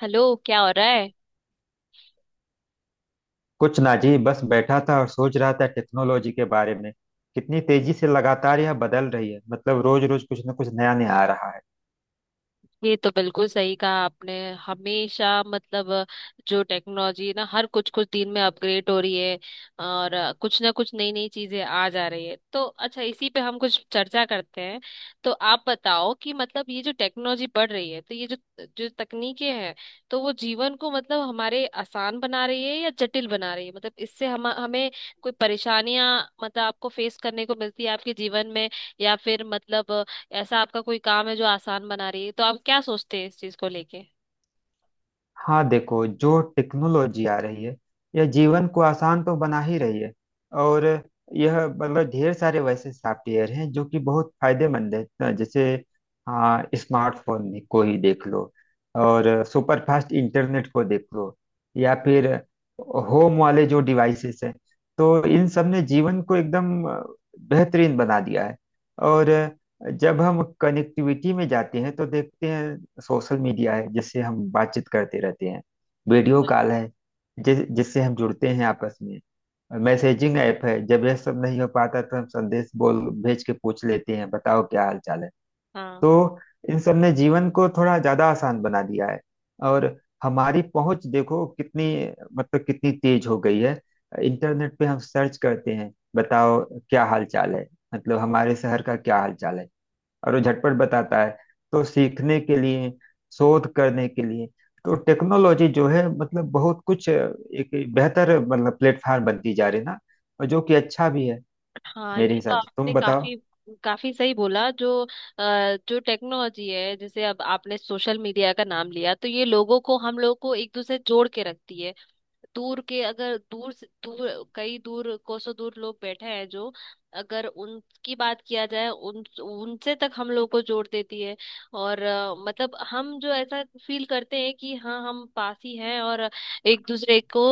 Hello. क्या हो रहा है? कुछ ना जी। बस बैठा था और सोच रहा था टेक्नोलॉजी के बारे में, कितनी तेजी से लगातार यह बदल रही है, मतलब रोज रोज कुछ ना कुछ नया नया आ रहा है। ये तो बिल्कुल सही कहा आपने। हमेशा मतलब जो टेक्नोलॉजी है ना, हर कुछ कुछ दिन में अपग्रेड हो रही है। और कुछ ना कुछ नई नई चीजें आ जा रही है। तो अच्छा, इसी पे हम कुछ चर्चा करते हैं। तो आप बताओ कि मतलब ये जो टेक्नोलॉजी बढ़ रही है, तो ये जो जो तकनीकें हैं, तो वो जीवन को मतलब हमारे आसान बना रही है या जटिल बना रही है? मतलब इससे हम हमें कोई परेशानियां, मतलब आपको फेस करने को मिलती है आपके जीवन में? या फिर मतलब ऐसा आपका कोई काम है जो आसान बना रही है? तो आप क्या सोचते हैं इस चीज को लेके? हाँ, देखो जो टेक्नोलॉजी आ रही है, यह जीवन को आसान तो बना ही रही है। और यह मतलब ढेर सारे वैसे सॉफ्टवेयर हैं जो कि बहुत फायदेमंद है। तो जैसे हाँ, स्मार्टफोन को ही देख लो, और सुपर फास्ट इंटरनेट को देख लो, या फिर होम वाले जो डिवाइसेस हैं, तो इन सब ने जीवन को एकदम बेहतरीन बना दिया है। और जब हम कनेक्टिविटी में जाते हैं तो देखते हैं सोशल मीडिया है, जिससे हम बातचीत करते रहते हैं। वीडियो बिल्कुल। कॉल है, जिससे हम जुड़ते हैं आपस में। मैसेजिंग ऐप है, जब यह सब नहीं हो पाता तो हम संदेश बोल भेज के पूछ लेते हैं, बताओ क्या हाल चाल है। हाँ तो इन सब ने जीवन को थोड़ा ज्यादा आसान बना दिया है। और हमारी पहुंच देखो कितनी, मतलब कितनी तेज हो गई है। इंटरनेट पे हम सर्च करते हैं, बताओ क्या हाल चाल है, मतलब हमारे शहर का क्या हाल चाल है, और वो झटपट बताता है। तो सीखने के लिए, शोध करने के लिए, तो टेक्नोलॉजी जो है मतलब बहुत कुछ एक बेहतर मतलब प्लेटफॉर्म बनती जा रही है ना, और जो कि अच्छा भी है। हाँ, मेरे ये तो हिसाब से आपने तुम बताओ। काफी काफी सही बोला। जो टेक्नोलॉजी है, जैसे अब आपने सोशल मीडिया का नाम लिया, तो ये लोगों को, हम लोगों को एक दूसरे से जोड़ के रखती है। दूर के, अगर दूर से दूर, कई दूर कोसों दूर लोग बैठे हैं, जो अगर उनकी बात किया जाए उन उनसे तक हम लोग को जोड़ देती है। और मतलब हम जो ऐसा फील करते हैं कि हाँ, हम पास ही हैं, और एक दूसरे को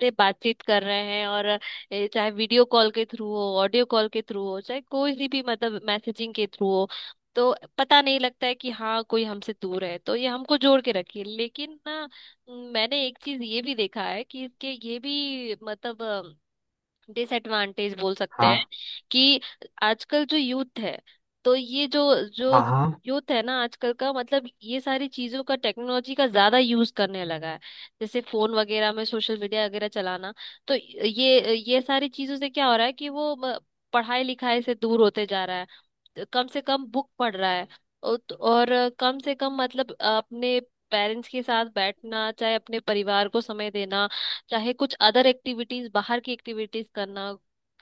से बातचीत कर रहे हैं, और चाहे वीडियो कॉल के थ्रू हो, ऑडियो कॉल के थ्रू हो, चाहे कोई सी भी मतलब मैसेजिंग के थ्रू हो। तो पता नहीं लगता है कि हाँ कोई हमसे दूर है, तो ये हमको जोड़ के रखिए। लेकिन ना, मैंने एक चीज ये भी देखा है कि इसके ये भी मतलब डिसएडवांटेज बोल सकते हैं। हाँ, कि आजकल जो यूथ है, तो ये जो जो हाँ। हाँ यूथ है ना आजकल का, मतलब ये सारी चीजों का, टेक्नोलॉजी का ज्यादा यूज करने लगा है। जैसे फोन वगैरह में, सोशल मीडिया वगैरह चलाना। तो ये सारी चीजों से क्या हो रहा है कि वो पढ़ाई लिखाई से दूर होते जा रहा है। तो कम से कम बुक पढ़ रहा है, और तो, और कम से कम मतलब अपने पेरेंट्स के साथ बैठना, चाहे अपने परिवार को समय देना, चाहे कुछ अदर एक्टिविटीज, बाहर की एक्टिविटीज करना,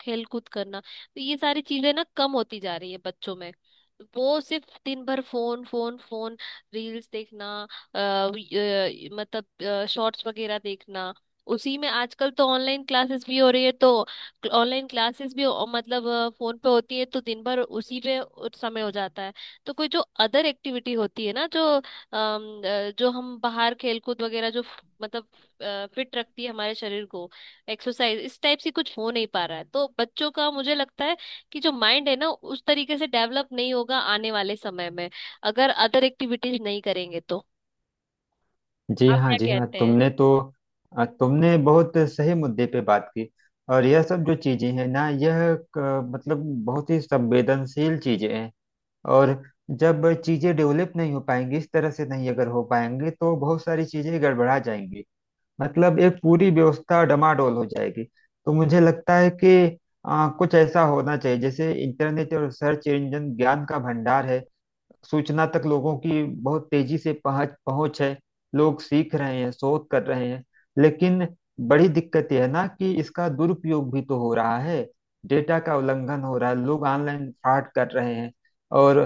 खेल कूद करना। तो ये सारी चीजें ना, कम होती जा रही है बच्चों में। वो सिर्फ दिन भर फोन, फोन, फोन, रील्स देखना, अ, वी- मतलब शॉर्ट्स वगैरह देखना। उसी में आजकल तो ऑनलाइन क्लासेस भी हो रही है। तो ऑनलाइन क्लासेस भी मतलब फोन पे होती है, तो दिन भर उसी पे उस समय हो जाता है। तो कोई जो अदर एक्टिविटी होती है ना, जो हम बाहर खेलकूद वगैरह जो मतलब फिट रखती है हमारे शरीर को। एक्सरसाइज इस टाइप से कुछ हो नहीं पा रहा है, तो बच्चों का मुझे लगता है कि जो माइंड है ना, उस तरीके से डेवलप नहीं होगा आने वाले समय में, अगर अदर एक्टिविटीज नहीं करेंगे तो। जी। आप हाँ क्या जी। हाँ, कहते हैं? तुमने तो। तुमने बहुत सही मुद्दे पे बात की। और यह सब जो चीजें हैं ना, यह मतलब बहुत ही संवेदनशील चीजें हैं। और जब चीजें डेवलप नहीं हो पाएंगी, इस तरह से नहीं अगर हो पाएंगे तो बहुत सारी चीजें गड़बड़ा जाएंगी, मतलब एक पूरी व्यवस्था डमाडोल हो जाएगी। तो मुझे लगता है कि कुछ ऐसा होना चाहिए जैसे इंटरनेट और सर्च इंजन ज्ञान का भंडार है। सूचना तक लोगों की बहुत तेजी से पहुंच पहुंच है। लोग सीख रहे हैं, शोध कर रहे हैं, लेकिन बड़ी दिक्कत यह है ना कि इसका दुरुपयोग भी तो हो रहा है। डेटा का उल्लंघन हो रहा है, लोग ऑनलाइन फ्रॉड कर रहे हैं, और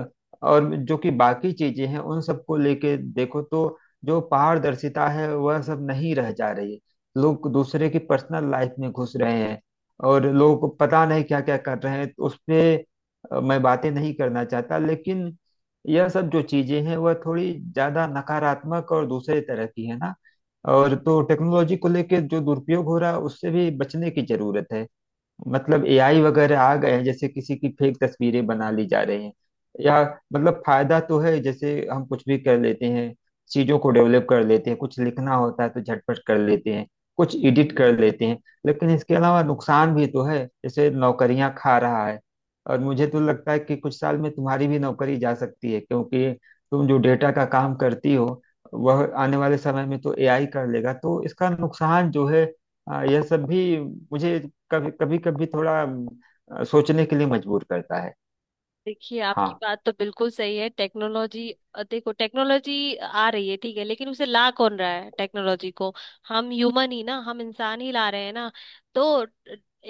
और जो कि बाकी चीजें हैं उन सबको लेके देखो, तो जो पारदर्शिता है वह सब नहीं रह जा रही है। लोग दूसरे की पर्सनल लाइफ में घुस रहे हैं, और लोग पता नहीं क्या क्या कर रहे हैं उस पे। मैं बातें नहीं करना चाहता, लेकिन यह सब जो चीजें हैं वह थोड़ी ज्यादा नकारात्मक और दूसरे तरह की है ना। और तो टेक्नोलॉजी को लेकर जो दुरुपयोग हो रहा है उससे भी बचने की जरूरत है। मतलब एआई वगैरह आ गए हैं, जैसे किसी की फेक तस्वीरें बना ली जा रही हैं, या मतलब फायदा तो है, जैसे हम कुछ भी कर लेते हैं, चीजों को डेवलप कर लेते हैं, कुछ लिखना होता है तो झटपट कर लेते हैं, कुछ एडिट कर लेते हैं। लेकिन इसके अलावा नुकसान भी तो है, जैसे नौकरियां खा रहा है। और मुझे तो लगता है कि कुछ साल में तुम्हारी भी नौकरी जा सकती है, क्योंकि तुम जो डेटा का काम करती हो वह आने वाले समय में तो एआई कर लेगा। तो इसका नुकसान जो है, हाँ यह सब भी मुझे कभी कभी कभी थोड़ा सोचने के लिए मजबूर करता है। देखिए, आपकी हाँ, बात तो बिल्कुल सही है। टेक्नोलॉजी देखो, टेक्नोलॉजी आ रही है, ठीक है। लेकिन उसे ला कौन रहा है टेक्नोलॉजी को? हम ह्यूमन ही ना, हम इंसान ही ला रहे हैं ना। तो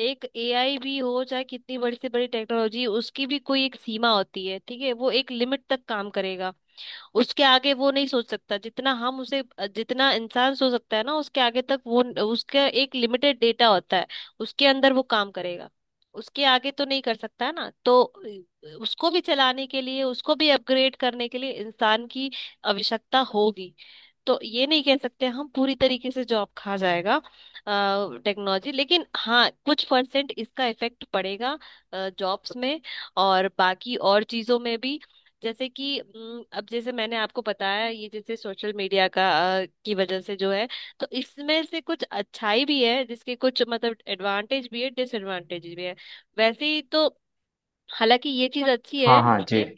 एक एआई भी हो, चाहे कितनी बड़ी से बड़ी टेक्नोलॉजी, उसकी भी कोई एक सीमा होती है, ठीक है। वो एक लिमिट तक काम करेगा, उसके आगे वो नहीं सोच सकता जितना हम उसे, जितना इंसान सोच सकता है ना, उसके आगे तक वो, उसका एक लिमिटेड डेटा होता है, उसके अंदर वो काम करेगा, उसके आगे तो नहीं कर सकता है ना। तो उसको भी चलाने के लिए, उसको भी अपग्रेड करने के लिए इंसान की आवश्यकता होगी। तो ये नहीं कह सकते हम, पूरी तरीके से जॉब खा जाएगा टेक्नोलॉजी। लेकिन हाँ, कुछ परसेंट इसका इफेक्ट पड़ेगा जॉब्स में, और बाकी और चीजों में भी। जैसे कि अब जैसे मैंने आपको बताया, ये जैसे सोशल मीडिया का की वजह से जो है, तो इसमें से कुछ अच्छाई भी है, जिसके कुछ मतलब एडवांटेज भी है, डिसएडवांटेज भी है। वैसे ही तो, हालांकि ये चीज अच्छी है हाँ। हाँ जी। इसमें,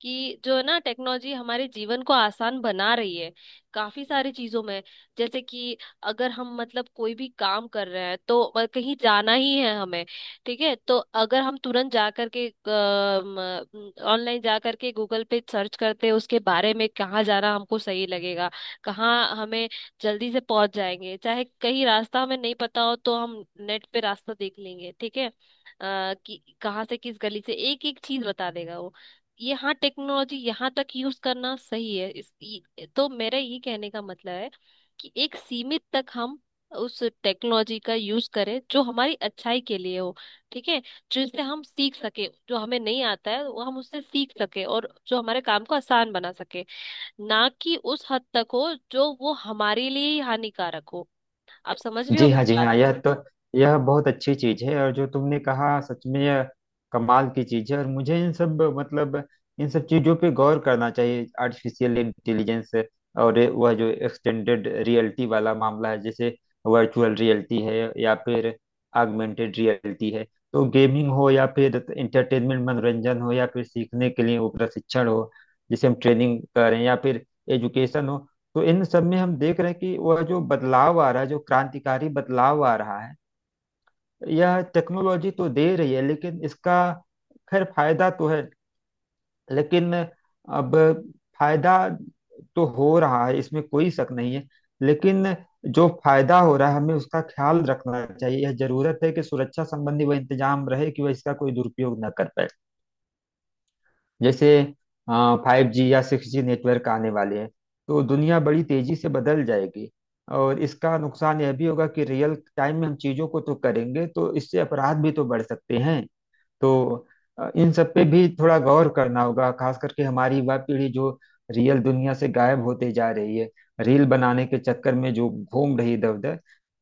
कि जो है ना, टेक्नोलॉजी हमारे जीवन को आसान बना रही है, काफी सारी चीजों में। जैसे कि अगर हम मतलब कोई भी काम कर रहे हैं तो कहीं जाना ही है हमें, ठीक है। तो अगर हम तुरंत जा करके ऑनलाइन जा करके गूगल पे सर्च करते हैं उसके बारे में, कहाँ जाना हमको सही लगेगा, कहाँ हमें जल्दी से पहुंच जाएंगे, चाहे कहीं रास्ता हमें नहीं पता हो तो हम नेट पे रास्ता देख लेंगे, ठीक है। कि कहाँ से किस गली से एक एक चीज बता देगा वो। ये हाँ, टेक्नोलॉजी यहाँ तक यूज करना सही है इस तो मेरा ये कहने का मतलब है कि एक सीमित तक हम उस टेक्नोलॉजी का यूज करें जो हमारी अच्छाई के लिए हो, ठीक है। जिससे हम सीख सके, जो हमें नहीं आता है वो हम उससे सीख सके, और जो हमारे काम को आसान बना सके, ना कि उस हद तक हो जो वो हमारे लिए ही हानिकारक हो। आप समझ रहे हो जी हाँ। मेरी जी बात? हाँ, यह तो, यह बहुत अच्छी चीज है। और जो तुमने कहा सच में यह कमाल की चीज है। और मुझे इन सब मतलब इन सब चीजों पे गौर करना चाहिए। आर्टिफिशियल इंटेलिजेंस और वह जो एक्सटेंडेड रियलिटी वाला मामला है, जैसे वर्चुअल रियलिटी है या फिर आगमेंटेड रियलिटी है, तो गेमिंग हो या फिर इंटरटेनमेंट मनोरंजन हो या फिर सीखने के लिए वो प्रशिक्षण हो, जिसे हम ट्रेनिंग करें, या फिर एजुकेशन हो, तो इन सब में हम देख रहे हैं कि वह जो बदलाव आ रहा है, जो क्रांतिकारी बदलाव आ रहा है, यह टेक्नोलॉजी तो दे रही है। लेकिन इसका खैर फायदा तो है, लेकिन अब फायदा तो हो रहा है, इसमें कोई शक नहीं है। लेकिन जो फायदा हो रहा है हमें उसका ख्याल रखना चाहिए। यह जरूरत है कि सुरक्षा संबंधी वह इंतजाम रहे कि वह इसका कोई दुरुपयोग न कर पाए। जैसे 5G या 6G नेटवर्क आने वाले हैं, तो दुनिया बड़ी तेजी से बदल जाएगी। और इसका नुकसान यह भी होगा कि रियल टाइम में हम चीजों को तो करेंगे, तो इससे अपराध भी तो बढ़ सकते हैं। तो इन सब पे भी थोड़ा गौर करना होगा, खास करके हमारी युवा पीढ़ी जो रियल दुनिया से गायब होते जा रही है, रील बनाने के चक्कर में जो घूम रही इधर उधर।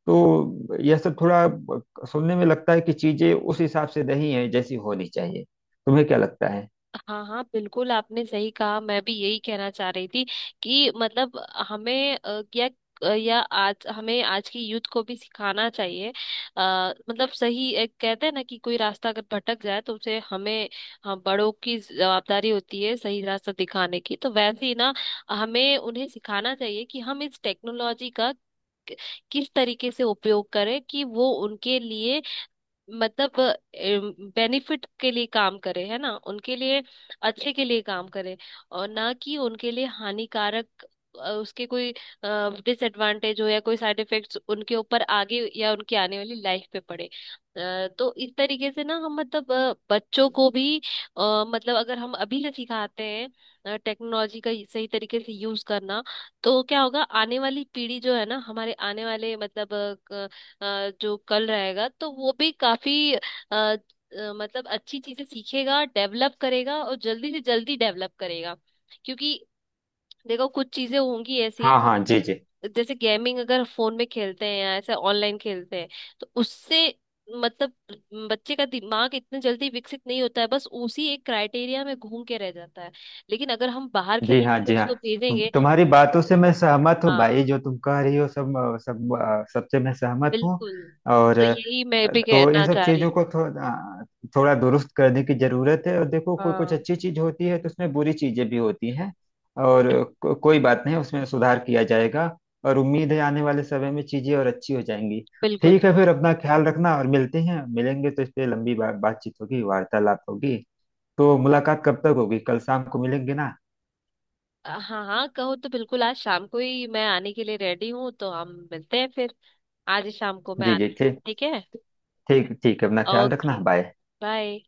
तो यह सब थोड़ा सुनने में लगता है कि चीजें उस हिसाब से नहीं है जैसी होनी चाहिए। तुम्हें क्या लगता है? हाँ हाँ, बिल्कुल। आपने सही कहा, मैं भी यही कहना चाह रही थी कि मतलब हमें क्या या आज हमें आज की यूथ को भी सिखाना चाहिए। मतलब सही, एक कहते हैं ना कि कोई रास्ता अगर भटक जाए तो उसे हमें, हम बड़ों की जवाबदारी होती है सही रास्ता दिखाने की, तो वैसे ही ना, हमें उन्हें सिखाना चाहिए कि हम इस टेक्नोलॉजी का किस तरीके से उपयोग करें कि वो उनके लिए, मतलब बेनिफिट के लिए काम करे, है ना, उनके लिए अच्छे के लिए काम करे, और ना कि उनके लिए हानिकारक उसके कोई डिसएडवांटेज हो या कोई साइड इफेक्ट्स उनके ऊपर आगे या उनकी आने वाली लाइफ पे पड़े। तो इस तरीके से ना हम मतलब बच्चों को भी मतलब अगर हम अभी से सिखाते हैं टेक्नोलॉजी का सही तरीके से यूज करना, तो क्या होगा, आने वाली पीढ़ी जो है ना, हमारे आने वाले मतलब जो कल रहेगा, तो वो भी काफी अ, मतलब अच्छी चीजें सीखेगा, डेवलप करेगा, और जल्दी से जल्दी डेवलप करेगा, क्योंकि देखो, कुछ चीजें होंगी ऐसी। हाँ, हाँ। जी, जी। जैसे गेमिंग अगर फोन में खेलते हैं या ऐसे ऑनलाइन खेलते हैं, तो उससे मतलब बच्चे का दिमाग इतने जल्दी विकसित नहीं होता है, बस उसी एक क्राइटेरिया में घूम के रह जाता है। लेकिन अगर हम बाहर जी हाँ। खेलेंगे, जी उसको हाँ, भेजेंगे। तुम्हारी बातों से मैं सहमत हूँ भाई। हाँ, जो तुम कह रही हो सबसे मैं सहमत हूँ। बिल्कुल। और तो यही मैं भी तो इन कहना सब चाह रही चीजों हूँ। को थोड़ा थोड़ा दुरुस्त करने की जरूरत है। और देखो कोई कुछ हाँ, अच्छी चीज होती है तो उसमें बुरी चीजें भी होती हैं, और कोई बात नहीं, उसमें सुधार किया जाएगा। और उम्मीद है आने वाले समय में चीजें और अच्छी हो जाएंगी। बिल्कुल। ठीक है फिर, अपना ख्याल रखना, और मिलते हैं। मिलेंगे तो इस पे लंबी बातचीत होगी, वार्तालाप होगी। तो मुलाकात कब तक होगी? कल शाम को मिलेंगे ना? हाँ हाँ, कहो तो बिल्कुल, आज शाम को ही मैं आने के लिए रेडी हूँ तो हम मिलते हैं फिर। आज ही शाम को मैं जी जी। आती हूँ, ठीक, ठीक है। ठीक, ठीक है। अपना ख्याल ओके। रखना। बाय। बाय।